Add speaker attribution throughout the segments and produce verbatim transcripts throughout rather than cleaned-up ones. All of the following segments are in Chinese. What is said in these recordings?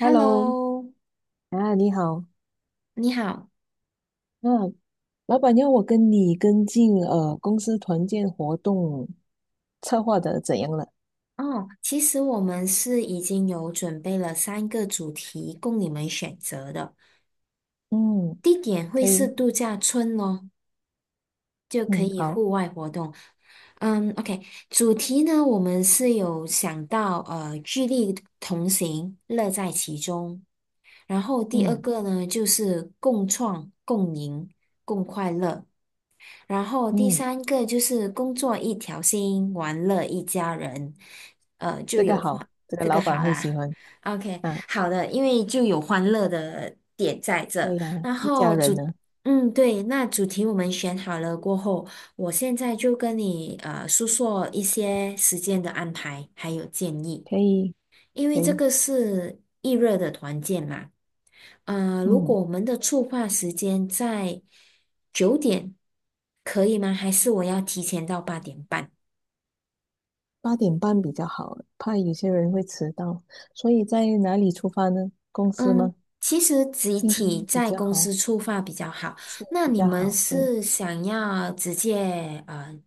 Speaker 1: Hello，啊，你好，
Speaker 2: 你好。
Speaker 1: 啊，老板要我跟你跟进呃公司团建活动策划的怎样了？
Speaker 2: 哦，其实我们是已经有准备了三个主题供你们选择的，
Speaker 1: 嗯，
Speaker 2: 地点会
Speaker 1: 可
Speaker 2: 是
Speaker 1: 以，
Speaker 2: 度假村哦，就可
Speaker 1: 嗯，
Speaker 2: 以
Speaker 1: 好，
Speaker 2: 户外活动。嗯，OK，主题呢，我们是有想到呃，聚力同行，乐在其中。然后第二
Speaker 1: 嗯
Speaker 2: 个呢，就是共创、共赢、共快乐。然后第
Speaker 1: 嗯，
Speaker 2: 三个就是工作一条心，玩乐一家人。
Speaker 1: 这个好，这个
Speaker 2: 这个
Speaker 1: 老
Speaker 2: 好
Speaker 1: 板会
Speaker 2: 啦
Speaker 1: 喜欢
Speaker 2: ，OK，
Speaker 1: 啊，
Speaker 2: 好的，因为就有欢乐的点在这，
Speaker 1: 对呀，
Speaker 2: 然
Speaker 1: 一家
Speaker 2: 后
Speaker 1: 人
Speaker 2: 主，
Speaker 1: 呢，
Speaker 2: 嗯，对，那主题我们选好了过后，我现在就跟你呃诉说一些时间的安排还有建议，
Speaker 1: 可以
Speaker 2: 因为
Speaker 1: 可
Speaker 2: 这
Speaker 1: 以，
Speaker 2: 个是易热的团建嘛，呃，如
Speaker 1: 嗯，
Speaker 2: 果我们的触发时间在九点，可以吗？还是我要提前到八点半？
Speaker 1: 八点半比较好，怕有些人会迟到，所以在哪里出发呢？公司
Speaker 2: 嗯，
Speaker 1: 吗？
Speaker 2: 其实集体
Speaker 1: 嗯，比
Speaker 2: 在
Speaker 1: 较
Speaker 2: 公
Speaker 1: 好，
Speaker 2: 司出发比较好。
Speaker 1: 是
Speaker 2: 那
Speaker 1: 比
Speaker 2: 你
Speaker 1: 较
Speaker 2: 们
Speaker 1: 好，对，
Speaker 2: 是想要直接呃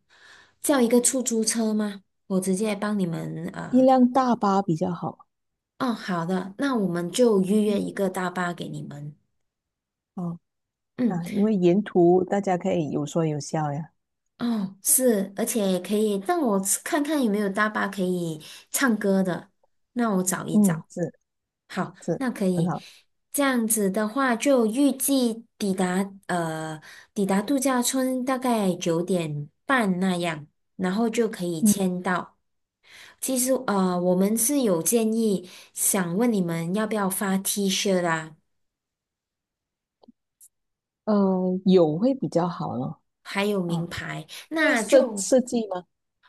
Speaker 2: 叫一个出租车吗？我直接帮你们
Speaker 1: 一
Speaker 2: 呃，
Speaker 1: 辆大巴比较好，
Speaker 2: 哦，好的，那我们就预约一
Speaker 1: 嗯，
Speaker 2: 个大巴给你们。
Speaker 1: 好，
Speaker 2: 嗯，
Speaker 1: 啊，因为沿途大家可以有说有笑呀。
Speaker 2: 哦，是，而且也可以让我看看有没有大巴可以唱歌的，那我找一
Speaker 1: 嗯，
Speaker 2: 找。
Speaker 1: 是
Speaker 2: 好，
Speaker 1: 是，
Speaker 2: 那可
Speaker 1: 很
Speaker 2: 以。
Speaker 1: 好。
Speaker 2: 这样子的话，就预计抵达呃抵达度假村大概九点半那样，然后就可以
Speaker 1: 嗯，
Speaker 2: 签到。其实呃，我们是有建议，想问你们要不要发 T 恤啦，
Speaker 1: 呃，有会比较好咯。
Speaker 2: 还有名
Speaker 1: 啊，
Speaker 2: 牌，
Speaker 1: 会
Speaker 2: 那
Speaker 1: 设
Speaker 2: 就
Speaker 1: 设计吗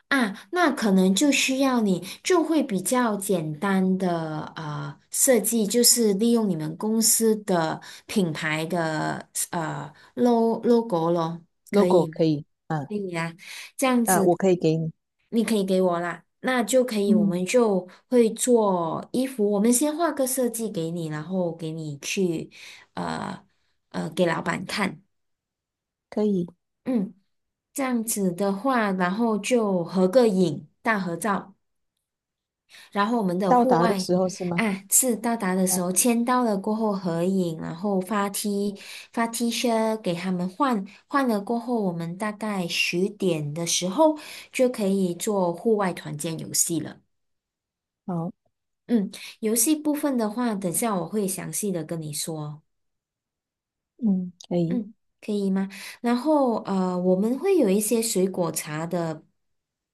Speaker 2: 啊，那可能就需要你就会比较简单的呃设计，就是利用你们公司的品牌的呃 lo logo 咯，可
Speaker 1: ？logo
Speaker 2: 以吗？
Speaker 1: 可以。啊
Speaker 2: 可以啊，这样
Speaker 1: 啊，
Speaker 2: 子
Speaker 1: 我可以给你。
Speaker 2: 你可以给我啦，那就可以，我
Speaker 1: 嗯，
Speaker 2: 们就会做衣服，我们先画个设计给你，然后给你去呃呃给老板看，
Speaker 1: 可以。
Speaker 2: 嗯，这样子的话，然后就合个影，大合照。然后我们的
Speaker 1: 到
Speaker 2: 户
Speaker 1: 达的
Speaker 2: 外
Speaker 1: 时候是吗？
Speaker 2: 啊，是到达的
Speaker 1: 啊，
Speaker 2: 时候签到了过后合影，然后发
Speaker 1: 嗯，
Speaker 2: T 发 T 恤给他们换，换了过后，我们大概十点的时候就可以做户外团建游戏了。
Speaker 1: 好，
Speaker 2: 嗯，游戏部分的话，等下我会详细的跟你说。
Speaker 1: 嗯，可以。
Speaker 2: 嗯，可以吗？然后呃，我们会有一些水果茶的，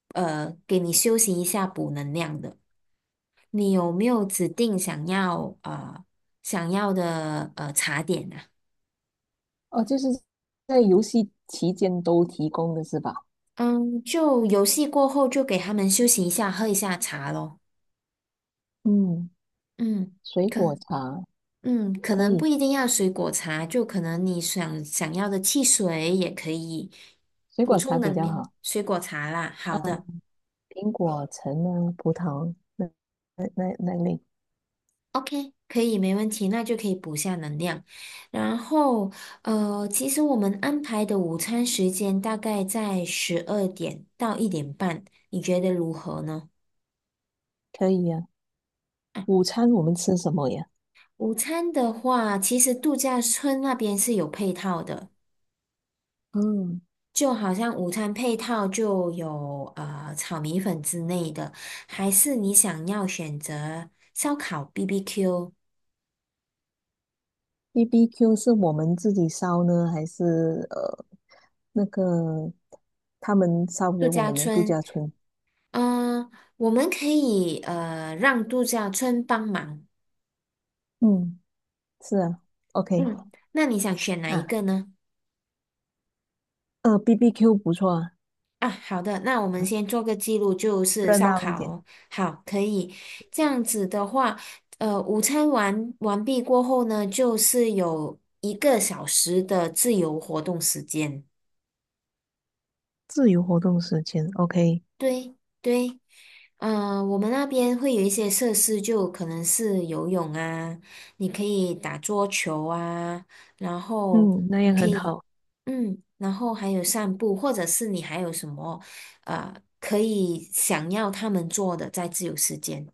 Speaker 2: 呃，给你休息一下补能量的。你有没有指定想要呃想要的呃茶点啊？
Speaker 1: 哦，就是在游戏期间都提供的是吧？
Speaker 2: 嗯，就游戏过后就给他们休息一下，喝一下茶咯。
Speaker 1: 嗯，
Speaker 2: 嗯，
Speaker 1: 水
Speaker 2: 可
Speaker 1: 果茶
Speaker 2: 嗯，可
Speaker 1: 可
Speaker 2: 能不
Speaker 1: 以，
Speaker 2: 一定要水果茶，就可能你想想要的汽水也可以
Speaker 1: 水
Speaker 2: 补
Speaker 1: 果
Speaker 2: 充
Speaker 1: 茶比
Speaker 2: 能
Speaker 1: 较
Speaker 2: 量，
Speaker 1: 好。
Speaker 2: 水果茶啦。
Speaker 1: 啊，
Speaker 2: 好的。
Speaker 1: 苹果、橙啊、葡萄那那那那类
Speaker 2: OK，可以，没问题，那就可以补下能量。然后，呃，其实我们安排的午餐时间大概在十二点到一点半，你觉得如何呢？
Speaker 1: 可以啊。午餐我们吃什么呀？
Speaker 2: 午餐的话，其实度假村那边是有配套的，
Speaker 1: 嗯，
Speaker 2: 就好像午餐配套就有呃炒米粉之类的，还是你想要选择烧烤 B B Q
Speaker 1: B B Q 是我们自己烧呢，还是呃那个他们烧
Speaker 2: 度
Speaker 1: 给我
Speaker 2: 假
Speaker 1: 们的度
Speaker 2: 村？
Speaker 1: 假村？
Speaker 2: 嗯、我们可以呃让度假村帮忙。
Speaker 1: 嗯，是啊，OK
Speaker 2: 嗯，那你想选哪一
Speaker 1: 啊，
Speaker 2: 个呢？
Speaker 1: 呃，B B Q 不错啊，
Speaker 2: 啊，好的，那我们
Speaker 1: 嗯，
Speaker 2: 先做个记录，就是
Speaker 1: 热
Speaker 2: 烧
Speaker 1: 闹一
Speaker 2: 烤
Speaker 1: 点，
Speaker 2: 哦。好，可以。这样子的话，呃，午餐完完毕过后呢，就是有一个小时的自由活动时间。
Speaker 1: 自由活动时间，OK，
Speaker 2: 对对，呃，我们那边会有一些设施，就可能是游泳啊，你可以打桌球啊，然后。
Speaker 1: 嗯，那
Speaker 2: 你
Speaker 1: 样
Speaker 2: 可
Speaker 1: 很
Speaker 2: 以。
Speaker 1: 好。
Speaker 2: 嗯，然后还有散步，或者是你还有什么呃可以想要他们做的在自由时间？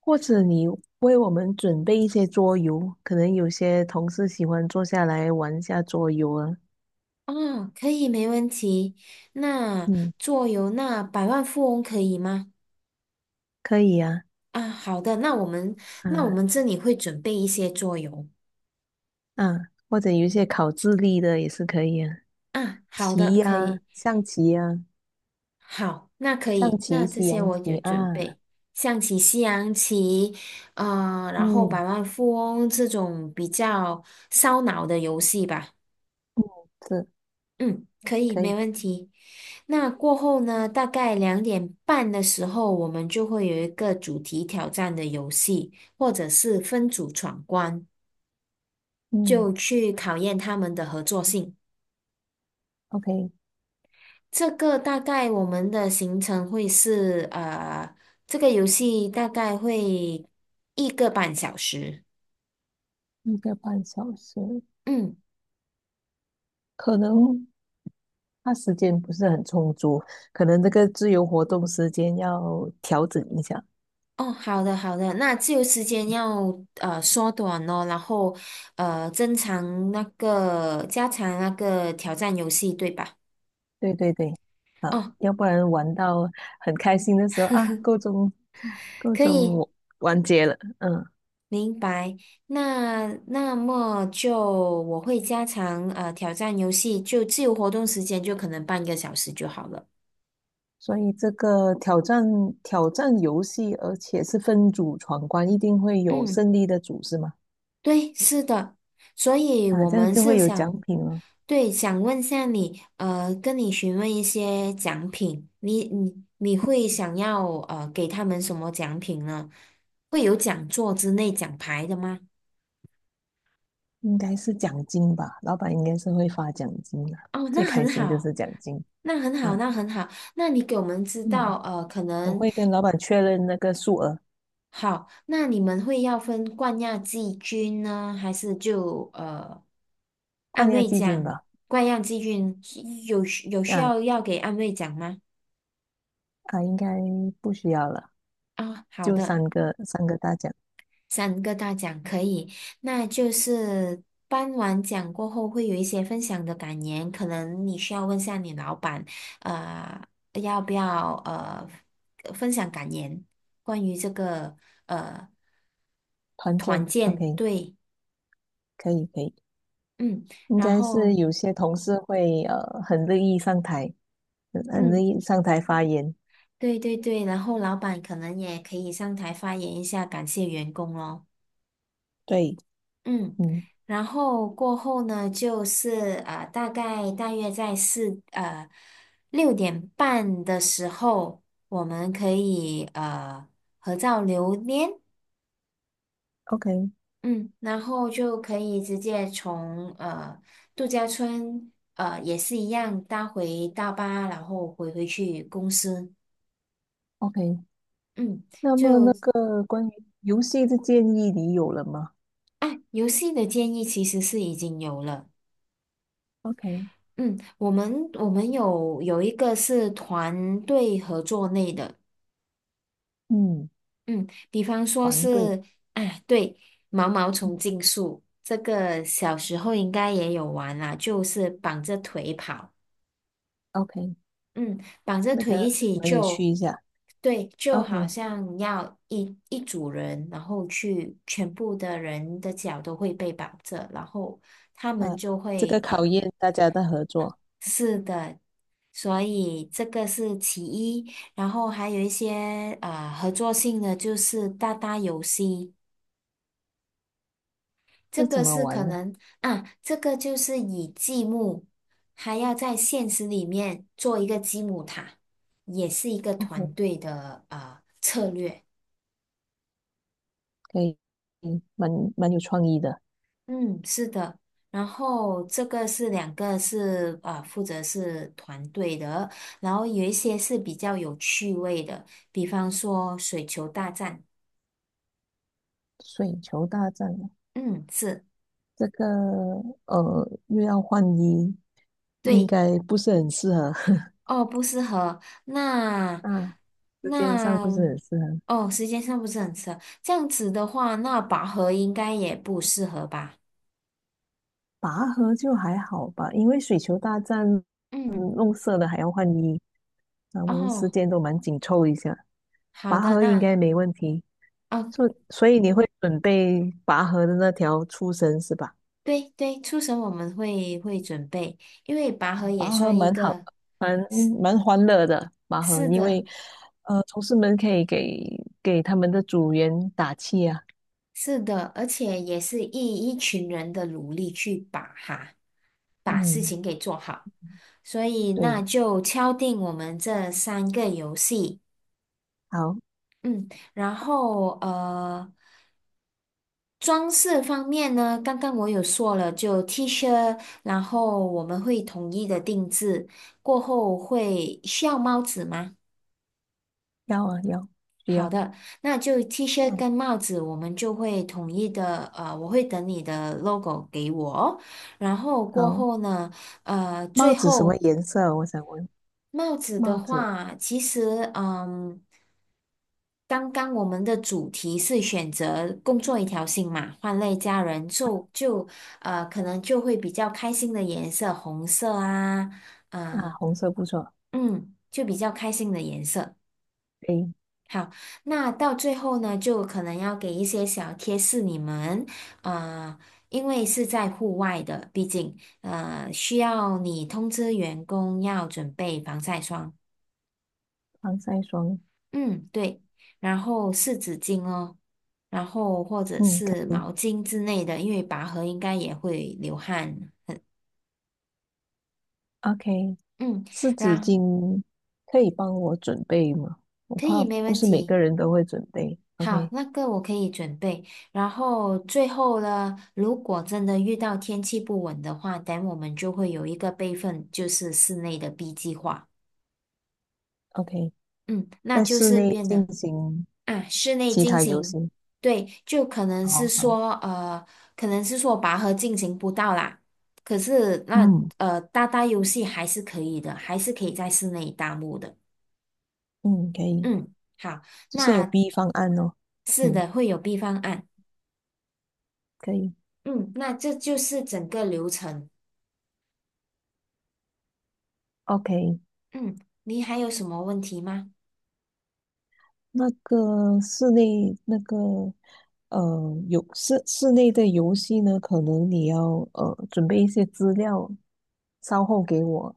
Speaker 1: 或者你为我们准备一些桌游，可能有些同事喜欢坐下来玩一下桌游啊，
Speaker 2: 哦，可以，没问题。那
Speaker 1: 嗯，
Speaker 2: 桌游，那百万富翁可以吗？
Speaker 1: 可以啊，
Speaker 2: 啊，好的，那我们
Speaker 1: 啊，
Speaker 2: 那我们这里会准备一些桌游
Speaker 1: 嗯，或者有一些考智力的也是可以啊，
Speaker 2: 啊，好的，
Speaker 1: 棋
Speaker 2: 可
Speaker 1: 呀、
Speaker 2: 以，
Speaker 1: 象棋呀、
Speaker 2: 好，那可
Speaker 1: 象
Speaker 2: 以，那
Speaker 1: 棋、
Speaker 2: 这
Speaker 1: 西
Speaker 2: 些
Speaker 1: 洋
Speaker 2: 我有
Speaker 1: 棋
Speaker 2: 准
Speaker 1: 啊，
Speaker 2: 备，象棋、西洋棋，啊，然后
Speaker 1: 嗯
Speaker 2: 百万富翁这种比较烧脑的游戏吧。
Speaker 1: 嗯，是
Speaker 2: 嗯，可以，
Speaker 1: 可
Speaker 2: 没
Speaker 1: 以，
Speaker 2: 问题。那过后呢，大概两点半的时候，我们就会有一个主题挑战的游戏，或者是分组闯关，
Speaker 1: 嗯
Speaker 2: 就去考验他们的合作性。
Speaker 1: ，OK，
Speaker 2: 这个大概我们的行程会是，呃，这个游戏大概会一个半小时。
Speaker 1: 一个半小时，
Speaker 2: 嗯。
Speaker 1: 可能他时间不是很充足，可能这个自由活动时间要调整一下。
Speaker 2: 哦，好的好的，那自由时间要呃缩短哦，然后呃增长那个加强那个挑战游戏，对吧？
Speaker 1: 对对对，啊，
Speaker 2: 哦，
Speaker 1: 要不然玩到很开心的时候啊，够钟够
Speaker 2: 可
Speaker 1: 钟
Speaker 2: 以，
Speaker 1: 我完结了，嗯。
Speaker 2: 明白。那那么就我会加强呃挑战游戏，就自由活动时间就可能半个小时就好了。
Speaker 1: 所以这个挑战挑战游戏，而且是分组闯关，一定会有
Speaker 2: 嗯。
Speaker 1: 胜利的组是吗？
Speaker 2: 对，是的，所以
Speaker 1: 啊，
Speaker 2: 我
Speaker 1: 这样
Speaker 2: 们
Speaker 1: 就
Speaker 2: 是
Speaker 1: 会有
Speaker 2: 想，
Speaker 1: 奖品了，
Speaker 2: 对，想问下你，呃，跟你询问一些奖品，你你你会想要呃给他们什么奖品呢？会有讲座之类奖牌的吗？
Speaker 1: 应该是奖金吧？老板应该是会发奖金的，
Speaker 2: 哦，
Speaker 1: 最
Speaker 2: 那
Speaker 1: 开
Speaker 2: 很
Speaker 1: 心就
Speaker 2: 好，
Speaker 1: 是奖金
Speaker 2: 那很好，
Speaker 1: 啊。
Speaker 2: 那很好，那你给我们知道，
Speaker 1: 嗯，
Speaker 2: 呃，可
Speaker 1: 我
Speaker 2: 能。
Speaker 1: 会跟老板确认那个数额，
Speaker 2: 好，那你们会要分冠亚季军呢，还是就呃
Speaker 1: 冠
Speaker 2: 安
Speaker 1: 亚
Speaker 2: 慰
Speaker 1: 季军
Speaker 2: 奖？
Speaker 1: 吧？
Speaker 2: 冠亚季军是有需有需
Speaker 1: 啊
Speaker 2: 要要给安慰奖吗？
Speaker 1: 啊，应该不需要了，
Speaker 2: 啊、好
Speaker 1: 就
Speaker 2: 的，
Speaker 1: 三个三个大奖，
Speaker 2: 三个大奖可以。那就是颁完奖过后会有一些分享的感言，可能你需要问下你老板，呃，要不要呃分享感言，关于这个呃
Speaker 1: 团
Speaker 2: 团
Speaker 1: 建
Speaker 2: 建，
Speaker 1: ，OK，
Speaker 2: 对，
Speaker 1: 可以可以。
Speaker 2: 嗯。
Speaker 1: 应
Speaker 2: 然
Speaker 1: 该是
Speaker 2: 后
Speaker 1: 有些同事会呃很乐意上台，很很乐
Speaker 2: 嗯，
Speaker 1: 意上台发言，
Speaker 2: 对对对，然后老板可能也可以上台发言一下，感谢员工咯。
Speaker 1: 对，
Speaker 2: 嗯，
Speaker 1: 嗯
Speaker 2: 然后过后呢，就是呃，大概大约在四呃六点半的时候，我们可以呃合照留念，
Speaker 1: ，OK
Speaker 2: 嗯，然后就可以直接从呃度假村呃也是一样搭回大巴，然后回回去公司，
Speaker 1: OK。
Speaker 2: 嗯。
Speaker 1: 那么
Speaker 2: 就
Speaker 1: 那个关于游戏的建议你有了吗
Speaker 2: 啊，游戏的建议其实是已经有了。
Speaker 1: ？OK，
Speaker 2: 嗯，我们我们有有一个是团队合作类的，
Speaker 1: 嗯，
Speaker 2: 嗯，比方说
Speaker 1: 团队，
Speaker 2: 是，啊，对，毛毛虫
Speaker 1: 嗯
Speaker 2: 竞速，这个小时候应该也有玩啦，就是绑着腿跑，
Speaker 1: ，OK，
Speaker 2: 嗯，绑着
Speaker 1: 那
Speaker 2: 腿一
Speaker 1: 个
Speaker 2: 起
Speaker 1: 蛮有
Speaker 2: 就，
Speaker 1: 趣一下。
Speaker 2: 对，就好
Speaker 1: OK，
Speaker 2: 像要一一组人，然后去全部的人的脚都会被绑着，然后。他们
Speaker 1: 啊，
Speaker 2: 就
Speaker 1: 这个
Speaker 2: 会
Speaker 1: 考
Speaker 2: 呃
Speaker 1: 验大家的合作，
Speaker 2: 是的，所以这个是其一，然后还有一些呃合作性的就是搭搭游戏，这
Speaker 1: 这怎
Speaker 2: 个
Speaker 1: 么
Speaker 2: 是可
Speaker 1: 玩呢
Speaker 2: 能啊，这个就是以积木，还要在现实里面做一个积木塔，也是一个团
Speaker 1: ？OK，
Speaker 2: 队的啊、呃
Speaker 1: 可以，嗯，蛮蛮有创意的。
Speaker 2: 嗯，是的，然后这个是两个是啊、呃负责是团队的，然后有一些是比较有趣味的，比方说水球大战，
Speaker 1: 水球大战，
Speaker 2: 嗯，是。
Speaker 1: 这个呃，又要换衣，应
Speaker 2: 对，
Speaker 1: 该不是很适合。
Speaker 2: 哦，不适合。那
Speaker 1: 啊，时间上
Speaker 2: 那
Speaker 1: 不是很适合。
Speaker 2: 哦，时间上不是很适合。这样子的话，那拔河应该也不适合吧？
Speaker 1: 拔河就还好吧，因为水球大战，嗯，
Speaker 2: 嗯，
Speaker 1: 弄色的还要换衣，啊，我们时
Speaker 2: 哦，
Speaker 1: 间都蛮紧凑一下。
Speaker 2: 好
Speaker 1: 拔
Speaker 2: 的，
Speaker 1: 河应
Speaker 2: 那
Speaker 1: 该没问题，
Speaker 2: 哦，
Speaker 1: 所所以你会准备拔河的那条粗绳是吧？
Speaker 2: 对对，初审我们会会准备，因为拔河也
Speaker 1: 拔河
Speaker 2: 算一
Speaker 1: 蛮好的
Speaker 2: 个，
Speaker 1: 蛮蛮欢乐的拔河，
Speaker 2: 是
Speaker 1: 因
Speaker 2: 的，
Speaker 1: 为呃，同事们可以给给他们的组员打气啊。
Speaker 2: 是的，而且也是一一群人的努力去把哈，把事
Speaker 1: 嗯，
Speaker 2: 情给做好。所以那
Speaker 1: 对，
Speaker 2: 就敲定我们这三个游戏。
Speaker 1: 好，
Speaker 2: 嗯，然后呃，装饰方面呢，刚刚我有说了，就 T 恤，然后我们会统一的定制，过后会需要帽子吗？
Speaker 1: 要啊要，需
Speaker 2: 好
Speaker 1: 要。
Speaker 2: 的，那就 T 恤
Speaker 1: 嗯，
Speaker 2: 跟帽子，我们就会统一的，呃，我会等你的 logo 给我，然后过
Speaker 1: 好，
Speaker 2: 后呢，呃，最
Speaker 1: 帽子什么
Speaker 2: 后
Speaker 1: 颜色啊？我想问，
Speaker 2: 帽子的
Speaker 1: 帽子。
Speaker 2: 话，其实嗯。刚刚我们的主题是选择工作一条心嘛，换类家人就就呃，可能就会比较开心的颜色，红色啊，
Speaker 1: 啊，
Speaker 2: 啊、
Speaker 1: 红色不错，
Speaker 2: 嗯，就比较开心的颜色。
Speaker 1: 可以
Speaker 2: 好，那到最后呢，就可能要给一些小贴士你们，啊、因为是在户外的，毕竟呃需要你通知员工要准备防晒霜。
Speaker 1: 防晒霜，
Speaker 2: 嗯，对，然后湿纸巾哦，然后或者
Speaker 1: 嗯，可
Speaker 2: 是
Speaker 1: 以
Speaker 2: 毛巾之类的，因为拔河应该也会流汗。
Speaker 1: ，OK，
Speaker 2: 嗯，
Speaker 1: 湿纸
Speaker 2: 然
Speaker 1: 巾可以帮我准备吗？我
Speaker 2: 可
Speaker 1: 怕
Speaker 2: 以没
Speaker 1: 不
Speaker 2: 问
Speaker 1: 是每
Speaker 2: 题。
Speaker 1: 个人都会准备
Speaker 2: 好，那个我可以准备。然后最后呢，如果真的遇到天气不稳的话，等我们就会有一个备份，就是室内的 B 计划。
Speaker 1: ，OK，OK，
Speaker 2: 嗯，那
Speaker 1: 在
Speaker 2: 就
Speaker 1: 室
Speaker 2: 是
Speaker 1: 内
Speaker 2: 变
Speaker 1: 进
Speaker 2: 得
Speaker 1: 行
Speaker 2: 啊，室内
Speaker 1: 其
Speaker 2: 进
Speaker 1: 他游
Speaker 2: 行，
Speaker 1: 戏，
Speaker 2: 对，就可能是
Speaker 1: 好好，
Speaker 2: 说呃，可能是说拔河进行不到啦，可是那
Speaker 1: 嗯
Speaker 2: 呃，搭搭游戏还是可以的，还是可以在室内搭幕的。
Speaker 1: 嗯，可以，
Speaker 2: 嗯，好，
Speaker 1: 就是有
Speaker 2: 那
Speaker 1: B 方案哦，
Speaker 2: 是
Speaker 1: 嗯，
Speaker 2: 的，会有 B 方案。
Speaker 1: 可以
Speaker 2: 嗯，那这就是整个流程。
Speaker 1: ，OK，
Speaker 2: 嗯，你还有什么问题吗？
Speaker 1: 那个室内那个呃，有室室内的游戏呢，可能你要呃准备一些资料，稍后给我。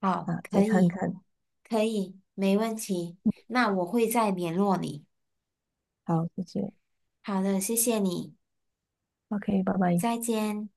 Speaker 2: 好，
Speaker 1: 啊，
Speaker 2: 可
Speaker 1: 再看
Speaker 2: 以，
Speaker 1: 看。
Speaker 2: 可以，没问题。那我会再联络你。
Speaker 1: 好，谢谢。
Speaker 2: 好的，谢谢你，
Speaker 1: OK，拜拜。
Speaker 2: 再见。